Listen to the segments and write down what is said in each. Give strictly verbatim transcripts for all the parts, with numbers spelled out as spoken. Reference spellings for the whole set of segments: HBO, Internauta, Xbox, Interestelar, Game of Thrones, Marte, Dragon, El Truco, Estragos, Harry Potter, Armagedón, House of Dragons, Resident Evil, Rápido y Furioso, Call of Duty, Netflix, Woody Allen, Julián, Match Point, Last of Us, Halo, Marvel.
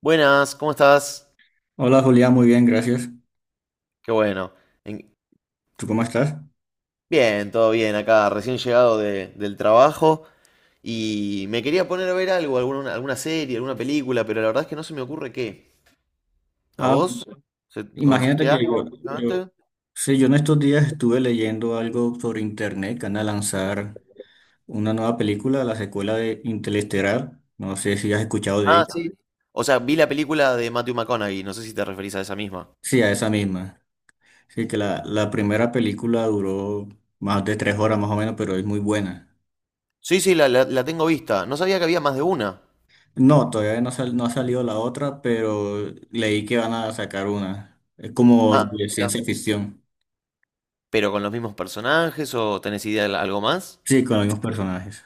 Buenas, ¿cómo estás? Hola Julián, muy bien, gracias. Qué bueno. En- ¿Tú cómo estás? Bien, todo bien acá, recién llegado de- del trabajo y me quería poner a ver algo, alguna, alguna serie, alguna película, pero la verdad es que no se me ocurre qué. ¿A Ah, vos? ¿Se- imagínate ¿Conociste que yo, algo últimamente? yo, sí, yo en estos días estuve leyendo algo sobre internet que van a lanzar una nueva película, la secuela de Interestelar. No sé si has escuchado de Ah, ella. sí. O sea, vi la película de Matthew McConaughey, no sé si te referís a esa misma. Sí, a esa misma. Sí, que la, la primera película duró más de tres horas más o menos, pero es muy buena. Sí, sí, la, la- la tengo vista. No sabía que había más de una. No, todavía no, sal- no ha salido la otra, pero leí que van a sacar una. Es como Ah, de mira. ciencia ficción. ¿Pero con los mismos personajes o tenés idea de la- algo más? Sí, con los mismos personajes.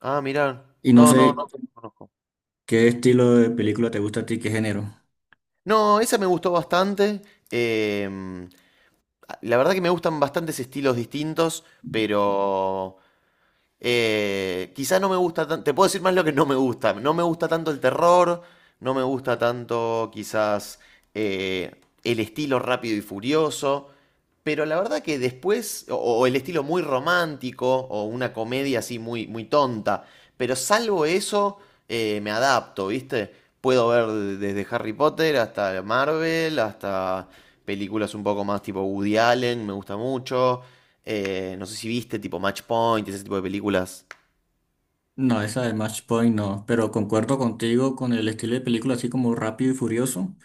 Ah, mirá. Y no No, no, sé. no. ¿Qué estilo de película te gusta a ti? ¿Qué género? No, esa me gustó bastante. em, la verdad que me gustan bastantes estilos distintos, pero eh, quizá no me gusta tanto, te puedo decir más lo que no me gusta. No me gusta tanto el terror, no me gusta tanto quizás eh, el estilo rápido y furioso, pero la verdad que después, o, o el estilo muy romántico, o una comedia así muy, muy tonta, pero salvo eso, eh, me adapto, ¿viste? Puedo ver de- desde Harry Potter hasta Marvel, hasta películas un poco más tipo Woody Allen, me gusta mucho. Eh, no sé si viste, tipo Match Point, ese tipo de películas. No, esa de Match Point no, pero concuerdo contigo con el estilo de película así como rápido y furioso,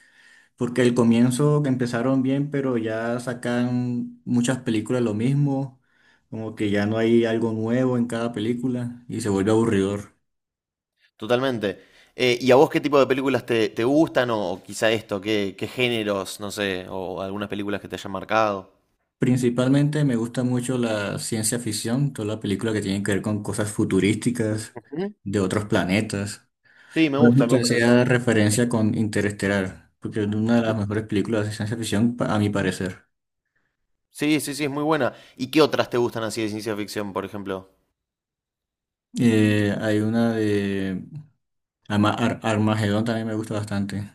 porque el comienzo que empezaron bien, pero ya sacan muchas películas lo mismo, como que ya no hay algo nuevo en cada película y se vuelve aburridor. Totalmente. Eh, ¿y a vos qué tipo de películas te, te gustan? O, o quizá esto, ¿qué, ¿qué géneros, no sé, o algunas películas que te hayan marcado? Principalmente me gusta mucho la ciencia ficción, toda la película que tiene que ver con cosas futurísticas Ujú. de otros planetas. Sí, me Por eso gusta, me te gusta eso. hacía referencia con Interestelar, porque es una de Ujú. las mejores películas de ciencia ficción, pa- a mi parecer. Sí, sí, sí, es muy buena. ¿Y qué otras te gustan así de ciencia ficción, por ejemplo? Eh, hay una de Ama- Ar- Armagedón también me gusta bastante.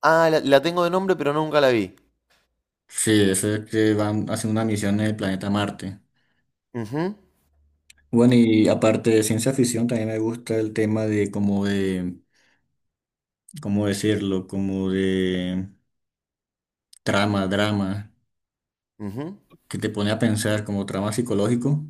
Ah, la, la tengo de nombre, pero nunca la vi. Sí, eso es que van a hacer una misión en el planeta Marte. Ujú, Bueno, y aparte de ciencia ficción, también me gusta el tema de como de, ¿cómo decirlo? Como de trama, drama, ujú. que te pone a pensar como trama psicológico,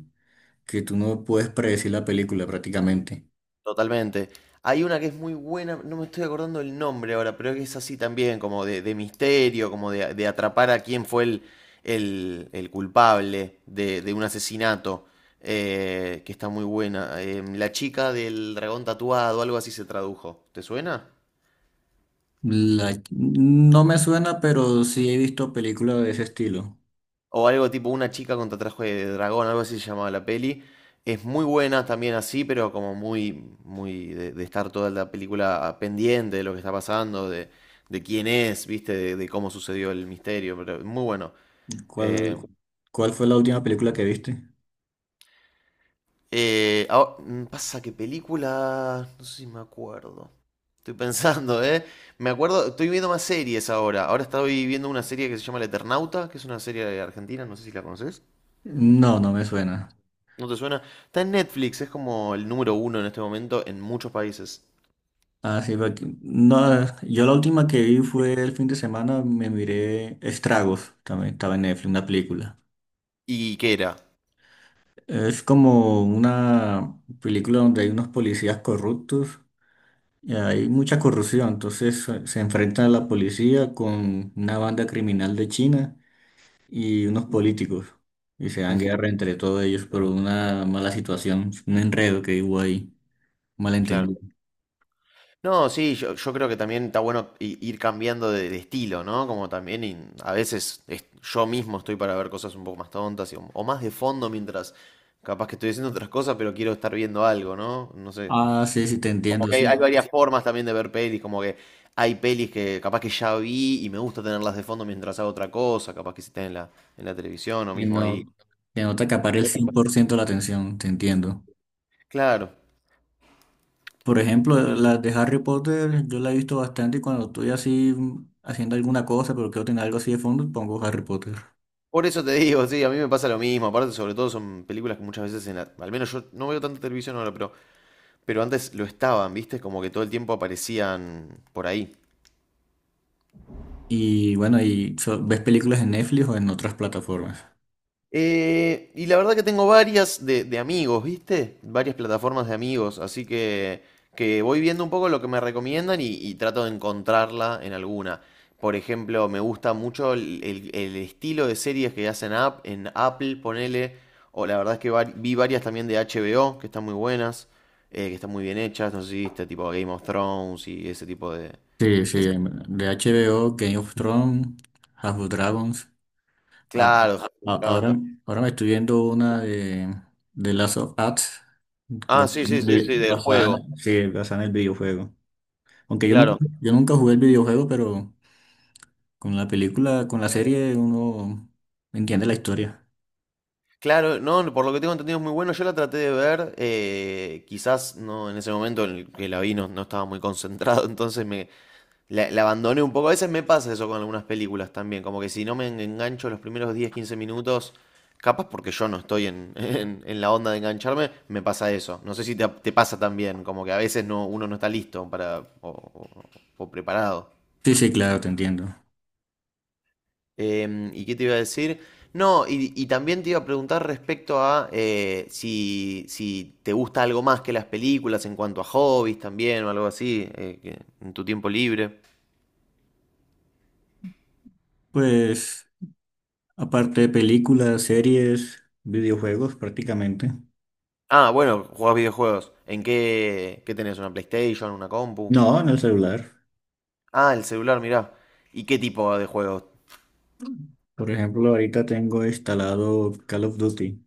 que tú no puedes predecir la película prácticamente. Totalmente. Hay una que es muy buena, no me estoy acordando el nombre ahora, pero que es así también, como de, de misterio, como de, de atrapar a quién fue el, el, el culpable de, de un asesinato, eh, que está muy buena. Em, La chica del dragón tatuado, algo así se tradujo. ¿Te suena? La- No me suena, pero sí he visto películas de ese estilo. O algo tipo una chica contra traje de dragón, algo así se llamaba la peli. Es muy buena también así, pero como muy, muy de, de estar toda la película pendiente de lo que está pasando, de, de quién es, viste, de, de cómo sucedió el misterio, pero muy bueno. Eh, ¿Cuál, cuál fue la última película que viste? Eh, ah, mm, pasa que película, no sé si me acuerdo. Estoy pensando, ¿eh? Me acuerdo, estoy viendo más series ahora. Ahora estoy viendo una serie que se llama El Eternauta, que es una serie argentina, no sé si la conoces. No, no me suena. ¿No te suena? Está en Netflix, es como el número uno en este momento en muchos países. Ah, sí, porque- no, yo la última que vi fue el fin de semana, me miré Estragos, también estaba en Netflix, una película. ¿Y qué era? Es como una película donde hay unos policías corruptos y hay mucha corrupción, entonces se se enfrentan a la policía con una banda criminal de China y unos políticos. Y se dan Ujú, guerra entre todos ellos por una mala situación, un enredo que hubo ahí, un malentendido. claro. No, sí, yo, yo creo que también está bueno i- ir cambiando de, de estilo, ¿no? Como también y a veces es- yo mismo estoy para ver cosas un poco más tontas y- o más de fondo mientras capaz que estoy haciendo otras cosas, pero quiero estar viendo algo, ¿no? No sé. Ah, sí, sí, te Como entiendo, que hay, sí. hay varias formas también de ver pelis, como que hay pelis que capaz que ya vi y me gusta tenerlas de fondo mientras hago otra cosa, capaz que si están en la, en la televisión o Que mismo ahí. no, que no te acapare el cien por ciento la atención, te entiendo. Claro. Por ejemplo, las de Harry Potter, yo la he visto bastante y cuando estoy así mm, haciendo alguna cosa, pero quiero tener algo así de fondo, pongo Harry Potter. Por eso te digo, sí, a mí me pasa lo mismo. Aparte, sobre todo son películas que muchas veces en la- al menos yo no veo tanta televisión ahora, pero, pero antes lo estaban, ¿viste? Como que todo el tiempo aparecían por ahí. Y bueno, y so- ¿ves películas en Netflix o en otras plataformas? Eh, y la verdad que tengo varias de, de amigos, ¿viste? Varias plataformas de amigos, así que, que voy viendo un poco lo que me recomiendan y, y trato de encontrarla en alguna. Por ejemplo, me gusta mucho el, el- el estilo de series que hacen app, en Apple, ponele, o la verdad es que vari- vi varias también de H B O, que están muy buenas, eh, que están muy bien hechas, no sé si viste, tipo Game of Thrones y ese tipo de... Sí, de sí, de H B O, Game of Thrones, House of Dragons. A- a- claro, Dragon Ahora, también. ahora me estoy viendo una de, de Last of Us, Ah, basada sí, sí, en sí, el sí, del basada- juego, sí, basada en el videojuego. Aunque yo nunca, claro. yo nunca jugué el videojuego, pero con la película, con la serie uno entiende la historia. Claro, no, por lo que tengo entendido es muy bueno. Yo la traté de ver, eh, quizás no en ese momento en el que la vi no, no estaba muy concentrado, entonces me la, la abandoné un poco. A veces me pasa eso con algunas películas también, como que si no me en- engancho los primeros diez quince minutos, capaz porque yo no estoy en, en- en la onda de engancharme, me pasa eso. No sé si te, te pasa también, como que a veces no, uno no está listo para, o o- o preparado. Sí, sí, claro, te entiendo. Em, ¿y qué te iba a decir? No, y, y también te iba a preguntar respecto a eh, si, si te gusta algo más que las películas en cuanto a hobbies también o algo así, eh, que- en tu tiempo libre. Pues aparte de películas, series, videojuegos prácticamente. Ah, bueno, jugás videojuegos. ¿En qué, qué tenés? ¿Una PlayStation? ¿Una compu? No, en el celular. Ah, el celular, mirá. ¿Y qué tipo de juegos? Por ejemplo, ahorita tengo instalado Call of Duty.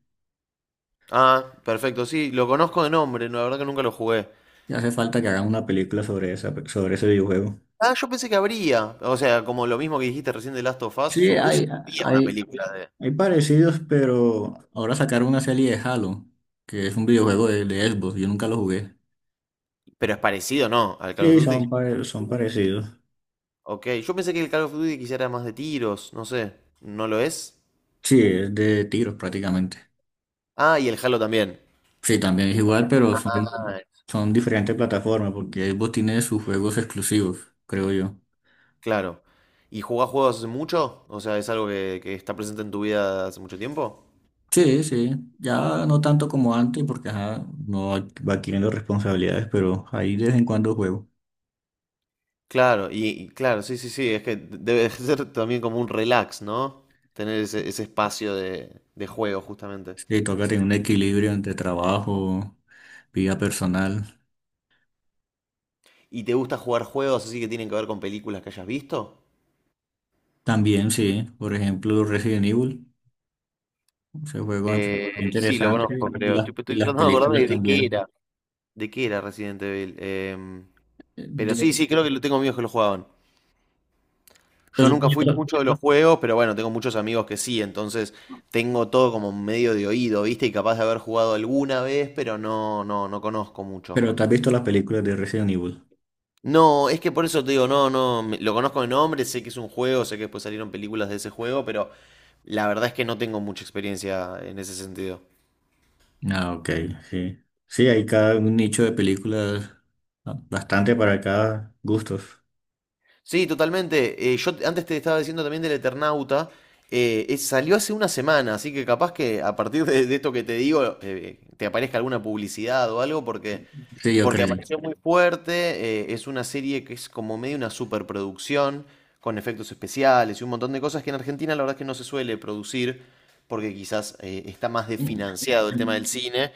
Ah, perfecto, sí, lo conozco de nombre, no, la verdad que nunca lo jugué. Y hace falta que hagan una película sobre esa, sobre ese videojuego. Ah, yo pensé que habría. O sea, como lo mismo que dijiste recién de Last of Us, Sí, supuse hay, que había una hay, película de... hay parecidos, pero ahora sacaron una serie de Halo, que es un videojuego de, de Xbox, yo nunca lo jugué. Pero es parecido, ¿no? Al Call of Sí, Duty. son, pare- son parecidos. Ok, yo pensé que el Call of Duty quizá era más de tiros, no sé, ¿no lo es? Sí, es de tiros prácticamente. Ah, y el Halo también. Sí, también es igual, pero son, Ah, son diferentes plataformas, porque Xbox tiene sus juegos exclusivos, creo yo. claro. ¿Y jugás juegos hace mucho? O sea, ¿es algo que, que está presente en tu vida hace mucho tiempo? Sí, sí, ya no tanto como antes, porque ajá, no ad- va adquiriendo responsabilidades, pero ahí de vez en cuando juego. Claro, y, y claro, sí, sí, sí, es que debe ser también como un relax, ¿no? Tener ese, ese espacio de, de juego, justamente. Sí, toca tener un equilibrio entre trabajo, vida personal. ¿Y te gusta jugar juegos así que tienen que ver con películas que hayas visto? También, sí. Por ejemplo, Resident Evil, ese juego me pareció Eh, sí, lo interesante conozco, y creo. las, Estoy, y estoy las tratando de películas acordarme de qué también. era. ¿De qué era Resident Evil? Em, Eh, Pero sí, De- sí, creo que lo tengo amigos que lo jugaban. Yo pero, tú has nunca fui visto- mucho de los juegos, pero bueno, tengo muchos amigos que sí, entonces tengo todo como medio de oído, ¿viste? Y capaz de haber jugado alguna vez, pero no, no, no conozco mucho. pero ¿te has visto las películas de Resident Evil? No, es que por eso te digo, no, no, me- lo conozco de nombre, sé que es un juego, sé que después salieron películas de ese juego, pero la verdad es que no tengo mucha experiencia en ese sentido. Ah, ok, sí. Sí, hay cada un nicho de películas, ah, bastante para cada gustos. Sí, totalmente. Eh, yo te- antes te estaba diciendo también del Eternauta. Eh, es- salió hace una semana, así que capaz que a partir de, de esto que te digo, eh, eh, te aparezca alguna publicidad o algo, porque Sí, yo porque creo. apareció muy fuerte, eh, es una serie que es como medio una superproducción, con efectos especiales y un montón de cosas que en Argentina la verdad es que no se suele producir, porque quizás eh, está más desfinanciado el tema del cine,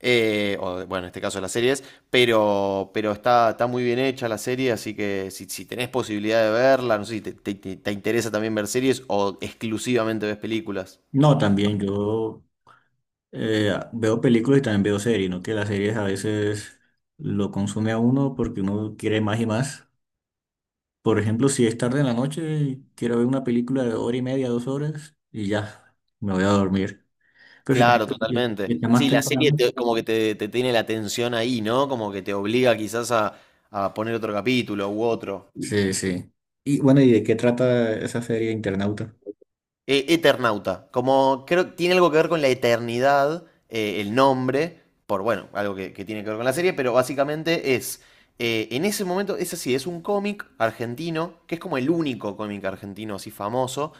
eh, o de- bueno, en este caso de las series, pero, pero está, está muy bien hecha la serie, así que si, si tenés posibilidad de verla, no sé si te, te- te- te interesa también ver series o exclusivamente ves películas. No, también yo eh, ah, veo películas y también veo series, ¿no? Que las series a veces lo consume a uno porque uno quiere más y más. Por ejemplo, si es tarde en la noche, quiero ver una película de hora y media, dos horas, y ya, me voy a dormir. Pero si Claro, también si totalmente. está más Sí, la serie temprano. te- como que te, te tiene la atención ahí, ¿no? Como que te obliga quizás a, a poner otro capítulo u otro. Sí, sí. Y bueno, ¿y de qué trata esa serie Internauta? E- Eternauta, como creo que tiene algo que ver con la eternidad, eh, el nombre, por bueno, algo que, que tiene que ver con la serie, pero básicamente es, eh, en ese momento, es así, es un cómic argentino, que es como el único cómic argentino así famoso,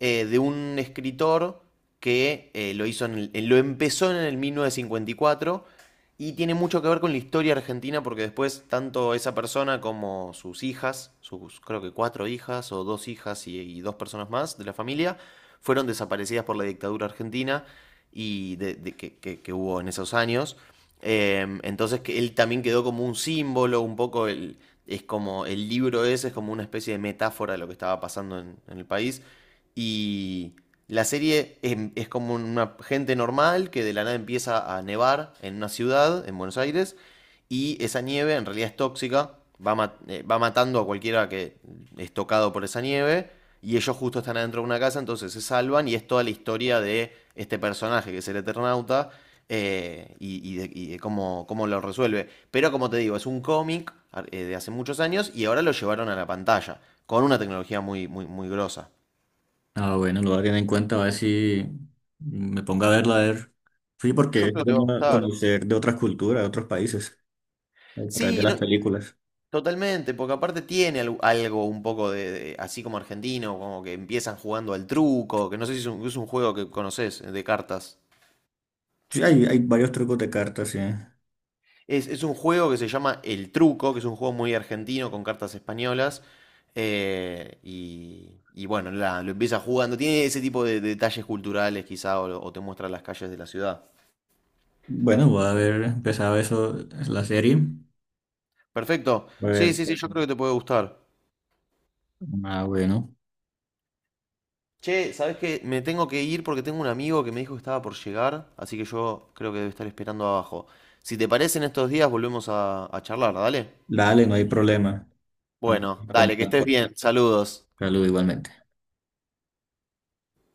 eh, de un escritor que eh, lo hizo en el- eh, lo empezó en el mil novecientos cincuenta y cuatro y cuatro y tiene mucho que ver con la historia argentina porque después tanto esa persona como sus hijas, sus creo que cuatro hijas o dos hijas y, y dos personas más de la familia, fueron desaparecidas por la dictadura argentina y de, de- que, que- que hubo en esos años. Eh, entonces que él también quedó como un símbolo, un poco el, es como el libro ese es como una especie de metáfora de lo que estaba pasando en, en el país. Y la serie es, es como una gente normal que de la nada empieza a nevar en una ciudad, en Buenos Aires, y esa nieve en realidad es tóxica, va, ma- eh, va matando a cualquiera que es tocado por esa nieve, y ellos justo están adentro de una casa, entonces se salvan, y es toda la historia de este personaje que es el Eternauta, eh, y, y de, y de cómo, cómo lo resuelve. Pero como te digo, es un cómic eh, de hace muchos años, y ahora lo llevaron a la pantalla, con una tecnología muy, muy, muy grosa. Ah, bueno, lo voy a tener en cuenta, a ver si me pongo a verla, a ver. Sí, porque Yo creo es que te va a bueno gustar. conocer de otras culturas, de otros países, a través de Sí, no- las películas. Totalmente, porque aparte tiene algo, algo un poco de, de- así como argentino, como que empiezan jugando al truco, que no sé si es un, es un juego que conoces de cartas. Sí, hay, hay varios trucos de cartas, sí. Es, es un juego que se llama El Truco, que es un juego muy argentino con cartas españolas. Eh, y, y bueno, la- lo empieza jugando. Tiene ese tipo de, detalles culturales, quizá, o, o te muestra las calles de la ciudad. Bueno, voy a ver, empezado eso, la serie. Perfecto. A Sí, ver, sí, sí, yo creo que te puede gustar. ah, bueno, Che, ¿sabés qué? Me tengo que ir porque tengo un amigo que me dijo que estaba por llegar, así que yo creo que debe estar esperando abajo. Si te parece, en estos días volvemos a, a charlar, dale. dale, no hay problema. Estamos Bueno, en dale, que estés contacto. bien. Saludos. Saludos igualmente.